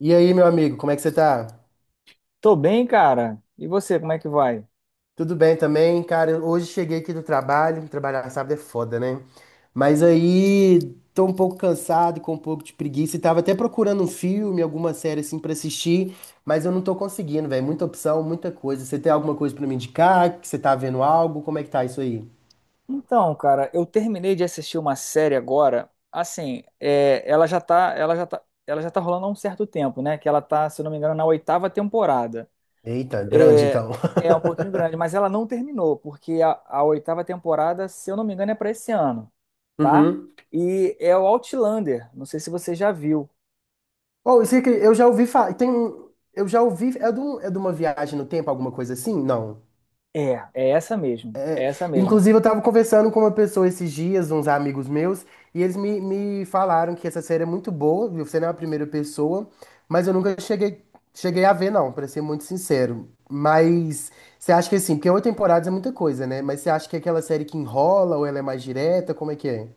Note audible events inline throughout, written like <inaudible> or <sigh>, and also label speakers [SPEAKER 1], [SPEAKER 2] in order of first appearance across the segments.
[SPEAKER 1] E aí, meu amigo, como é que você tá?
[SPEAKER 2] Tô bem, cara. E você, como é que vai?
[SPEAKER 1] Tudo bem também? Cara, hoje cheguei aqui do trabalho, trabalhar sábado é foda, né? Mas aí tô um pouco cansado, com um pouco de preguiça e tava até procurando um filme, alguma série assim pra assistir, mas eu não tô conseguindo, velho. Muita opção, muita coisa. Você tem alguma coisa pra me indicar? Que você tá vendo algo? Como é que tá isso aí?
[SPEAKER 2] Então, cara, eu terminei de assistir uma série agora. Assim, ela já tá, ela já tá, ela já tá rolando há um certo tempo, né? Que ela tá, se eu não me engano, na oitava temporada.
[SPEAKER 1] Eita, grande
[SPEAKER 2] É,
[SPEAKER 1] então. <laughs>
[SPEAKER 2] é um pouquinho grande, mas ela não terminou, porque a oitava temporada, se eu não me engano, é pra esse ano, tá?
[SPEAKER 1] Uhum.
[SPEAKER 2] E é o Outlander. Não sei se você já viu.
[SPEAKER 1] Oh, isso aqui, eu já ouvi falar, eu já ouvi, é de uma viagem no tempo, alguma coisa assim? Não.
[SPEAKER 2] É essa mesmo, é essa mesmo.
[SPEAKER 1] Inclusive, eu estava conversando com uma pessoa esses dias, uns amigos meus, e eles me falaram que essa série é muito boa, viu? Você não é a primeira pessoa, mas eu nunca cheguei, cheguei a ver, não, para ser muito sincero. Mas você acha que assim, porque 8 temporadas é muita coisa, né? Mas você acha que é aquela série que enrola ou ela é mais direta? Como é que é?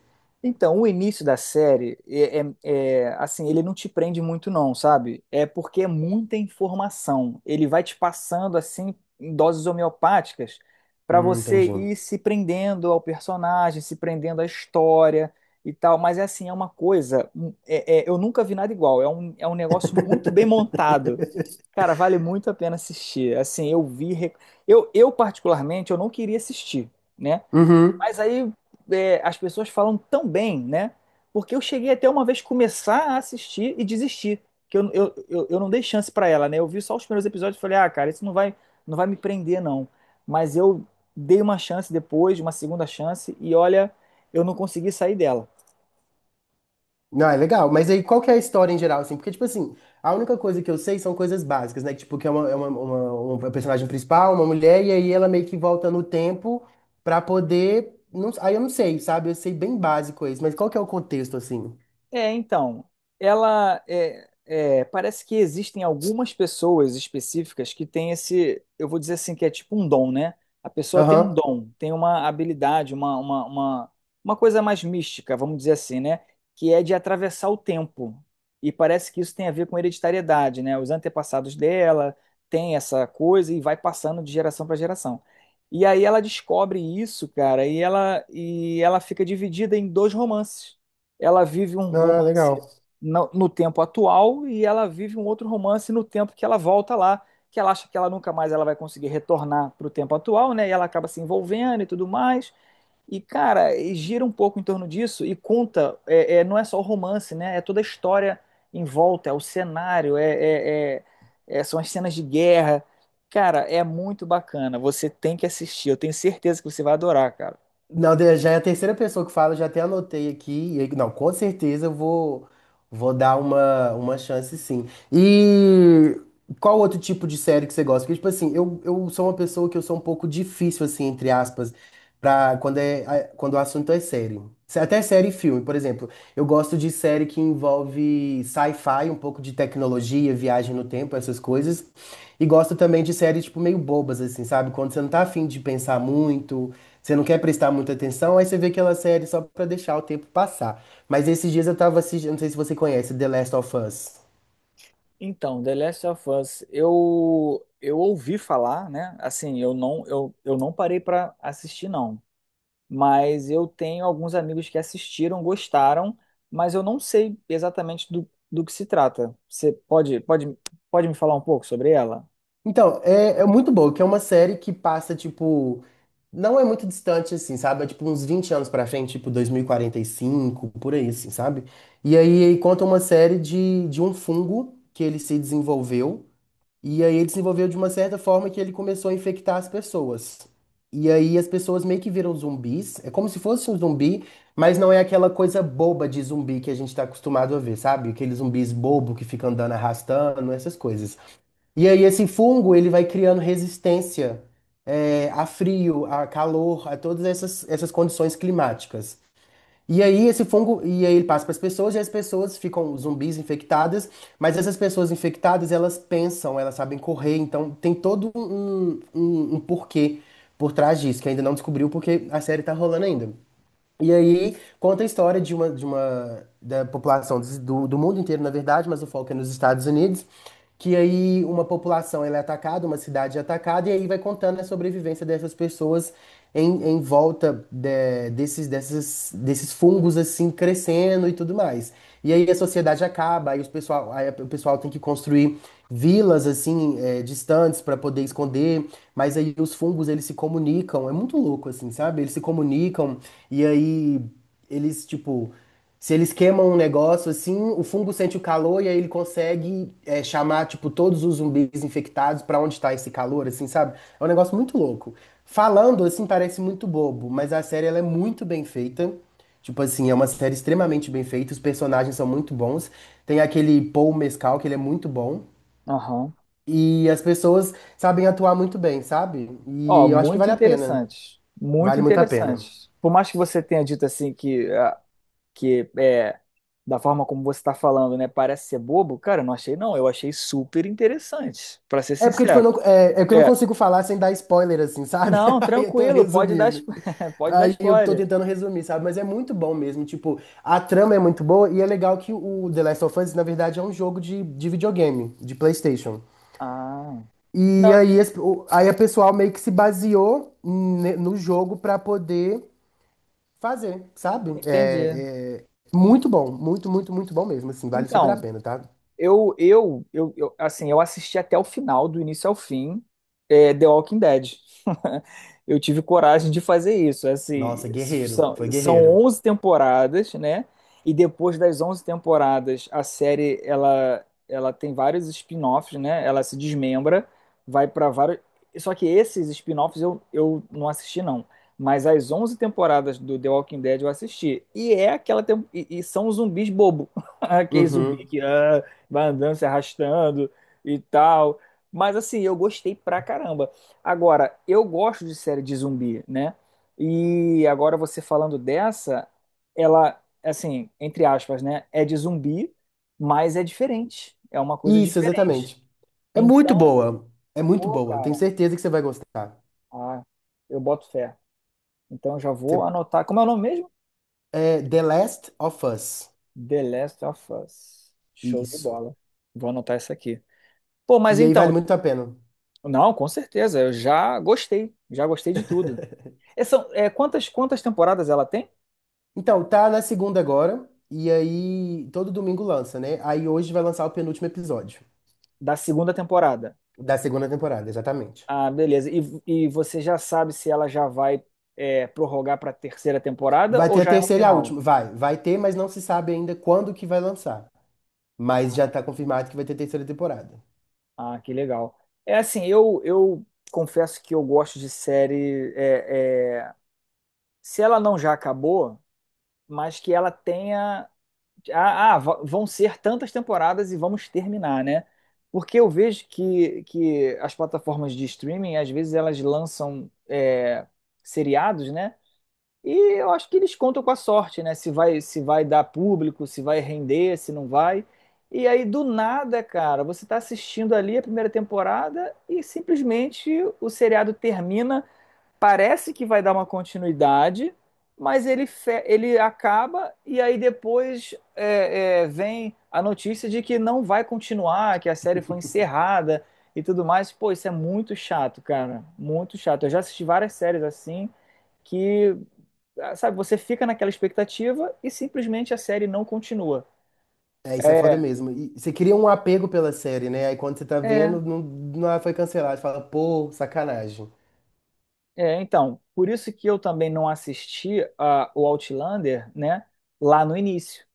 [SPEAKER 2] Então, o início da série é assim, ele não te prende muito não, sabe? É porque é muita informação. Ele vai te passando assim em doses homeopáticas para você
[SPEAKER 1] Entendi.
[SPEAKER 2] ir se prendendo ao personagem, se prendendo à história e tal. Mas é assim, é uma coisa, eu nunca vi nada igual. É um negócio muito bem montado.
[SPEAKER 1] <laughs>
[SPEAKER 2] Cara, vale muito a pena assistir. Assim, eu particularmente, eu não queria assistir, né?
[SPEAKER 1] Uhum.
[SPEAKER 2] Mas aí as pessoas falam tão bem, né? Porque eu cheguei até uma vez começar a assistir e desistir. Que eu não dei chance pra ela, né? Eu vi só os primeiros episódios e falei, ah, cara, não vai me prender, não. Mas eu dei uma chance depois, uma segunda chance, e olha, eu não consegui sair dela.
[SPEAKER 1] Não, é legal. Mas aí, qual que é a história em geral, assim? Porque, tipo assim, a única coisa que eu sei são coisas básicas, né? Tipo, que é uma personagem principal, uma mulher, e aí ela meio que volta no tempo pra poder... Não, aí eu não sei, sabe? Eu sei bem básico isso. Mas qual que é o contexto, assim?
[SPEAKER 2] Então, ela parece que existem algumas pessoas específicas que têm esse, eu vou dizer assim, que é tipo um dom, né? A pessoa tem um
[SPEAKER 1] Aham.
[SPEAKER 2] dom, tem uma habilidade, uma coisa mais mística, vamos dizer assim, né? Que é de atravessar o tempo. E parece que isso tem a ver com hereditariedade, né? Os antepassados dela têm essa coisa e vai passando de geração para geração. E aí ela descobre isso, cara, e ela fica dividida em dois romances. Ela vive um
[SPEAKER 1] Ah,
[SPEAKER 2] romance
[SPEAKER 1] legal.
[SPEAKER 2] no tempo atual e ela vive um outro romance no tempo que ela volta lá, que ela acha que ela nunca mais ela vai conseguir retornar para o tempo atual, né? E ela acaba se envolvendo e tudo mais. E, cara, e gira um pouco em torno disso e conta, não é só o romance, né? É toda a história em volta, é o cenário, são as cenas de guerra. Cara, é muito bacana. Você tem que assistir. Eu tenho certeza que você vai adorar, cara.
[SPEAKER 1] Não, já é a terceira pessoa que fala, já até anotei aqui. E aí- Não, com certeza vou dar uma chance, sim. E qual outro tipo de série que você gosta? Porque, tipo assim, eu sou uma pessoa que eu sou um pouco difícil, assim, entre aspas, pra quando, quando o assunto é série. Até série e filme, por exemplo. Eu gosto de série que envolve sci-fi, um pouco de tecnologia, viagem no tempo, essas coisas. E gosto também de séries, tipo, meio bobas, assim, sabe? Quando você não tá afim de pensar muito, você não quer prestar muita atenção, aí você vê aquela série só pra deixar o tempo passar. Mas esses dias eu tava assistindo, não sei se você conhece, The Last of Us.
[SPEAKER 2] Então, The Last of Us, eu ouvi falar, né? Assim, eu não parei para assistir não, mas eu tenho alguns amigos que assistiram, gostaram, mas eu não sei exatamente do que se trata. Você pode me falar um pouco sobre ela?
[SPEAKER 1] Então, é muito boa, que é uma série que passa, tipo, não é muito distante, assim, sabe? É, tipo, uns 20 anos pra frente, tipo, dois mil e quarenta e cinco por aí, assim, sabe? E aí conta uma série de um fungo que ele se desenvolveu. E aí ele desenvolveu de uma certa forma que ele começou a infectar as pessoas. E aí as pessoas meio que viram zumbis. É como se fosse um zumbi, mas não é aquela coisa boba de zumbi que a gente tá acostumado a ver, sabe? Aqueles zumbis bobo que ficam andando arrastando, essas coisas. E aí esse fungo, ele vai criando resistência, a frio, a calor, a todas essas condições climáticas. E aí esse fungo, e aí ele passa para as pessoas, e as pessoas ficam zumbis infectadas, mas essas pessoas infectadas, elas pensam, elas sabem correr, então tem todo um porquê por trás disso, que ainda não descobriu porque a série tá rolando ainda. E aí conta a história de uma da população do mundo inteiro, na verdade, mas o foco é nos Estados Unidos, que aí uma população ela é atacada, uma cidade é atacada, e aí vai contando a sobrevivência dessas pessoas em volta desses fungos assim crescendo e tudo mais. E aí a sociedade acaba, aí, o pessoal tem que construir vilas assim, distantes para poder esconder, mas aí os fungos eles se comunicam, é muito louco assim, sabe? Eles se comunicam e aí eles tipo, se eles queimam um negócio assim, o fungo sente o calor e aí ele consegue, chamar tipo todos os zumbis infectados para onde está esse calor, assim, sabe? É um negócio muito louco. Falando assim parece muito bobo, mas a série ela é muito bem feita. Tipo assim, é uma série extremamente bem feita, os personagens são muito bons. Tem aquele Paul Mescal, que ele é muito bom.
[SPEAKER 2] Aham.
[SPEAKER 1] E as pessoas sabem atuar muito bem, sabe?
[SPEAKER 2] Ó,
[SPEAKER 1] E eu acho que
[SPEAKER 2] muito
[SPEAKER 1] vale a pena.
[SPEAKER 2] interessante. Muito
[SPEAKER 1] Vale muito a pena.
[SPEAKER 2] interessante. Por mais que você tenha dito assim que ah, que é da forma como você está falando, né? Parece ser bobo, cara, eu não achei não, eu achei super interessante, para ser
[SPEAKER 1] É porque, tipo, eu
[SPEAKER 2] sincero.
[SPEAKER 1] não, é que eu não
[SPEAKER 2] É,
[SPEAKER 1] consigo falar sem dar spoiler, assim, sabe?
[SPEAKER 2] não,
[SPEAKER 1] <laughs> Aí eu tô
[SPEAKER 2] tranquilo,
[SPEAKER 1] resumindo.
[SPEAKER 2] <laughs> pode dar
[SPEAKER 1] Aí eu tô
[SPEAKER 2] spoiler.
[SPEAKER 1] tentando resumir, sabe? Mas é muito bom mesmo. Tipo, a trama é muito boa e é legal que o The Last of Us, na verdade, é um jogo de videogame, de PlayStation.
[SPEAKER 2] Ah,
[SPEAKER 1] E
[SPEAKER 2] não,
[SPEAKER 1] aí, aí a pessoal meio que se baseou no jogo pra poder fazer, sabe?
[SPEAKER 2] entendi.
[SPEAKER 1] É muito bom, muito, muito, muito bom mesmo, assim, vale super a
[SPEAKER 2] Então,
[SPEAKER 1] pena, tá?
[SPEAKER 2] eu assisti até o final, do início ao fim, The Walking Dead. <laughs> Eu tive coragem de fazer isso. Assim,
[SPEAKER 1] Nossa, guerreiro,
[SPEAKER 2] são,
[SPEAKER 1] foi
[SPEAKER 2] são
[SPEAKER 1] guerreiro.
[SPEAKER 2] 11 temporadas, né? E depois das 11 temporadas, a série ela tem vários spin-offs, né? Ela se desmembra, vai para vários. Só que esses spin-offs eu não assisti, não. Mas as 11 temporadas do The Walking Dead eu assisti. E é aquela. E são os zumbis bobo. <laughs> Aquele zumbi
[SPEAKER 1] Uhum.
[SPEAKER 2] que. Ah, vai andando, se arrastando e tal. Mas assim, eu gostei pra caramba. Agora, eu gosto de série de zumbi, né? E agora você falando dessa, ela, assim, entre aspas, né? É de zumbi, mas é diferente. É uma coisa
[SPEAKER 1] Isso,
[SPEAKER 2] diferente.
[SPEAKER 1] exatamente.
[SPEAKER 2] Então,
[SPEAKER 1] É muito
[SPEAKER 2] pô,
[SPEAKER 1] boa, tenho
[SPEAKER 2] cara,
[SPEAKER 1] certeza que você vai gostar.
[SPEAKER 2] ah, eu boto fé. Então, eu já vou
[SPEAKER 1] Você-
[SPEAKER 2] anotar. Como é o nome mesmo?
[SPEAKER 1] É The Last of Us,
[SPEAKER 2] The Last of Us. Show de
[SPEAKER 1] isso.
[SPEAKER 2] bola. Vou anotar isso aqui. Pô, mas
[SPEAKER 1] E aí vale
[SPEAKER 2] então,
[SPEAKER 1] muito a pena.
[SPEAKER 2] não, com certeza. Eu já gostei. Já gostei de tudo.
[SPEAKER 1] <laughs>
[SPEAKER 2] Quantas temporadas ela tem?
[SPEAKER 1] Então, tá na segunda agora, e aí todo domingo lança, né? Aí hoje vai lançar o penúltimo episódio
[SPEAKER 2] Da segunda temporada.
[SPEAKER 1] da segunda temporada, exatamente.
[SPEAKER 2] Ah, beleza. E você já sabe se ela já vai prorrogar para a terceira temporada
[SPEAKER 1] Vai
[SPEAKER 2] ou
[SPEAKER 1] ter a
[SPEAKER 2] já é um
[SPEAKER 1] terceira e a
[SPEAKER 2] final?
[SPEAKER 1] última. Vai ter, mas não se sabe ainda quando que vai lançar. Mas já tá
[SPEAKER 2] Ah,
[SPEAKER 1] confirmado que vai ter terceira temporada.
[SPEAKER 2] ah, que legal. É assim, eu confesso que eu gosto de série. Se ela não já acabou, mas que ela tenha ah, ah, vão ser tantas temporadas e vamos terminar, né? Porque eu vejo que as plataformas de streaming, às vezes, elas lançam seriados, né? E eu acho que eles contam com a sorte, né? Se vai dar público, se vai render, se não vai. E aí, do nada, cara, você tá assistindo ali a primeira temporada e simplesmente o seriado termina parece que vai dar uma continuidade, mas ele acaba e aí depois vem a notícia de que não vai continuar, que a série foi encerrada e tudo mais. Pô, isso é muito chato, cara. Muito chato. Eu já assisti várias séries assim que, ah, sabe, você fica naquela expectativa e simplesmente a série não continua.
[SPEAKER 1] É, isso é foda
[SPEAKER 2] É,
[SPEAKER 1] mesmo. E você cria um apego pela série, né? Aí quando você tá
[SPEAKER 2] é,
[SPEAKER 1] vendo, não, não ela foi cancelada. Você fala, pô, sacanagem.
[SPEAKER 2] é. Então, por isso que eu também não assisti a, o Outlander, né, lá no início,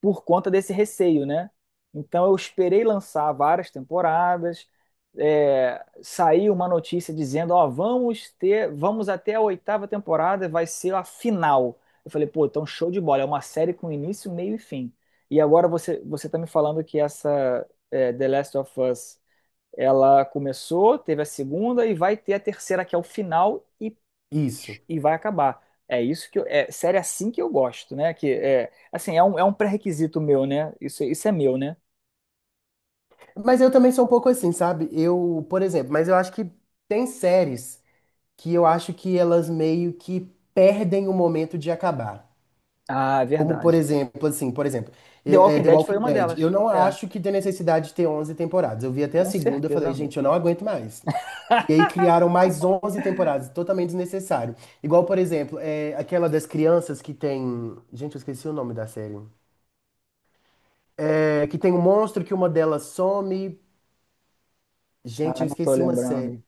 [SPEAKER 2] por conta desse receio, né? Então eu esperei lançar várias temporadas, saiu uma notícia dizendo, ó, vamos ter, vamos até a oitava temporada, vai ser a final. Eu falei, pô, então show de bola, é uma série com início, meio e fim. E agora você tá me falando que essa The Last of Us, ela começou, teve a segunda e vai ter a terceira que é o final e
[SPEAKER 1] Isso.
[SPEAKER 2] e vai acabar. É isso que eu, é série assim que eu gosto, né? Que é assim, é um pré-requisito meu, né? Isso é meu, né?
[SPEAKER 1] Mas eu também sou um pouco assim, sabe? Eu, por exemplo, mas eu acho que tem séries que eu acho que elas meio que perdem o momento de acabar.
[SPEAKER 2] Ah,
[SPEAKER 1] Como, por
[SPEAKER 2] verdade.
[SPEAKER 1] exemplo, assim, por exemplo,
[SPEAKER 2] The Walking
[SPEAKER 1] The
[SPEAKER 2] Dead foi
[SPEAKER 1] Walking
[SPEAKER 2] uma
[SPEAKER 1] Dead. Eu
[SPEAKER 2] delas.
[SPEAKER 1] não
[SPEAKER 2] É,
[SPEAKER 1] acho que tem necessidade de ter 11 temporadas. Eu vi até a
[SPEAKER 2] com
[SPEAKER 1] segunda e
[SPEAKER 2] certeza
[SPEAKER 1] falei,
[SPEAKER 2] não.
[SPEAKER 1] gente, eu não aguento mais. E aí criaram mais 11 temporadas, totalmente desnecessário. Igual, por exemplo, aquela das crianças que tem... Gente, eu esqueci o nome da série. É, que tem um monstro que uma delas some. Gente,
[SPEAKER 2] Ah,
[SPEAKER 1] eu
[SPEAKER 2] não tô
[SPEAKER 1] esqueci uma
[SPEAKER 2] lembrando.
[SPEAKER 1] série.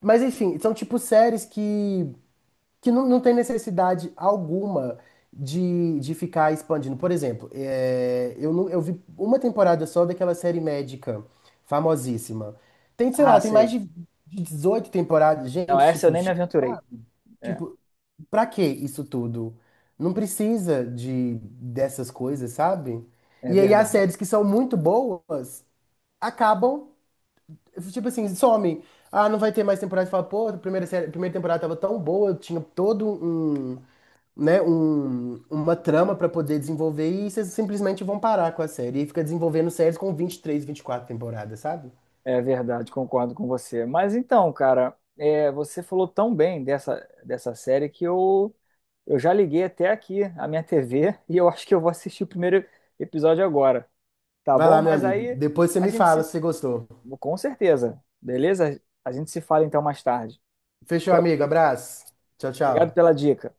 [SPEAKER 1] Mas, enfim, são tipo séries que não, não tem necessidade alguma de ficar expandindo. Por exemplo, não, eu vi uma temporada só daquela série médica famosíssima. Tem, sei
[SPEAKER 2] Ah,
[SPEAKER 1] lá, tem mais
[SPEAKER 2] sei.
[SPEAKER 1] de 18 temporadas.
[SPEAKER 2] Não,
[SPEAKER 1] Gente,
[SPEAKER 2] essa eu
[SPEAKER 1] tipo,
[SPEAKER 2] nem me aventurei. É,
[SPEAKER 1] tipo, pra que isso tudo? Não precisa de dessas coisas, sabe?
[SPEAKER 2] é
[SPEAKER 1] E aí as
[SPEAKER 2] verdade.
[SPEAKER 1] séries que são muito boas acabam, tipo assim, somem. Ah, não vai ter mais temporada. Fala, pô, a primeira série, a primeira temporada tava tão boa, tinha todo um, né, uma trama pra poder desenvolver e vocês simplesmente vão parar com a série. E fica desenvolvendo séries com 20 23 24 temporadas, sabe?
[SPEAKER 2] É verdade, concordo com você. Mas então, cara, você falou tão bem dessa, dessa série que eu já liguei até aqui a minha TV <laughs> e eu acho que eu vou assistir o primeiro episódio agora. Tá
[SPEAKER 1] Vai
[SPEAKER 2] bom?
[SPEAKER 1] lá, meu
[SPEAKER 2] Mas
[SPEAKER 1] amigo.
[SPEAKER 2] aí
[SPEAKER 1] Depois você
[SPEAKER 2] a
[SPEAKER 1] me
[SPEAKER 2] gente
[SPEAKER 1] fala
[SPEAKER 2] se.
[SPEAKER 1] se você gostou.
[SPEAKER 2] Com certeza. Beleza? A gente se fala então mais tarde.
[SPEAKER 1] Fechou, amigo. Abraço. Tchau,
[SPEAKER 2] Obrigado
[SPEAKER 1] tchau.
[SPEAKER 2] pela dica.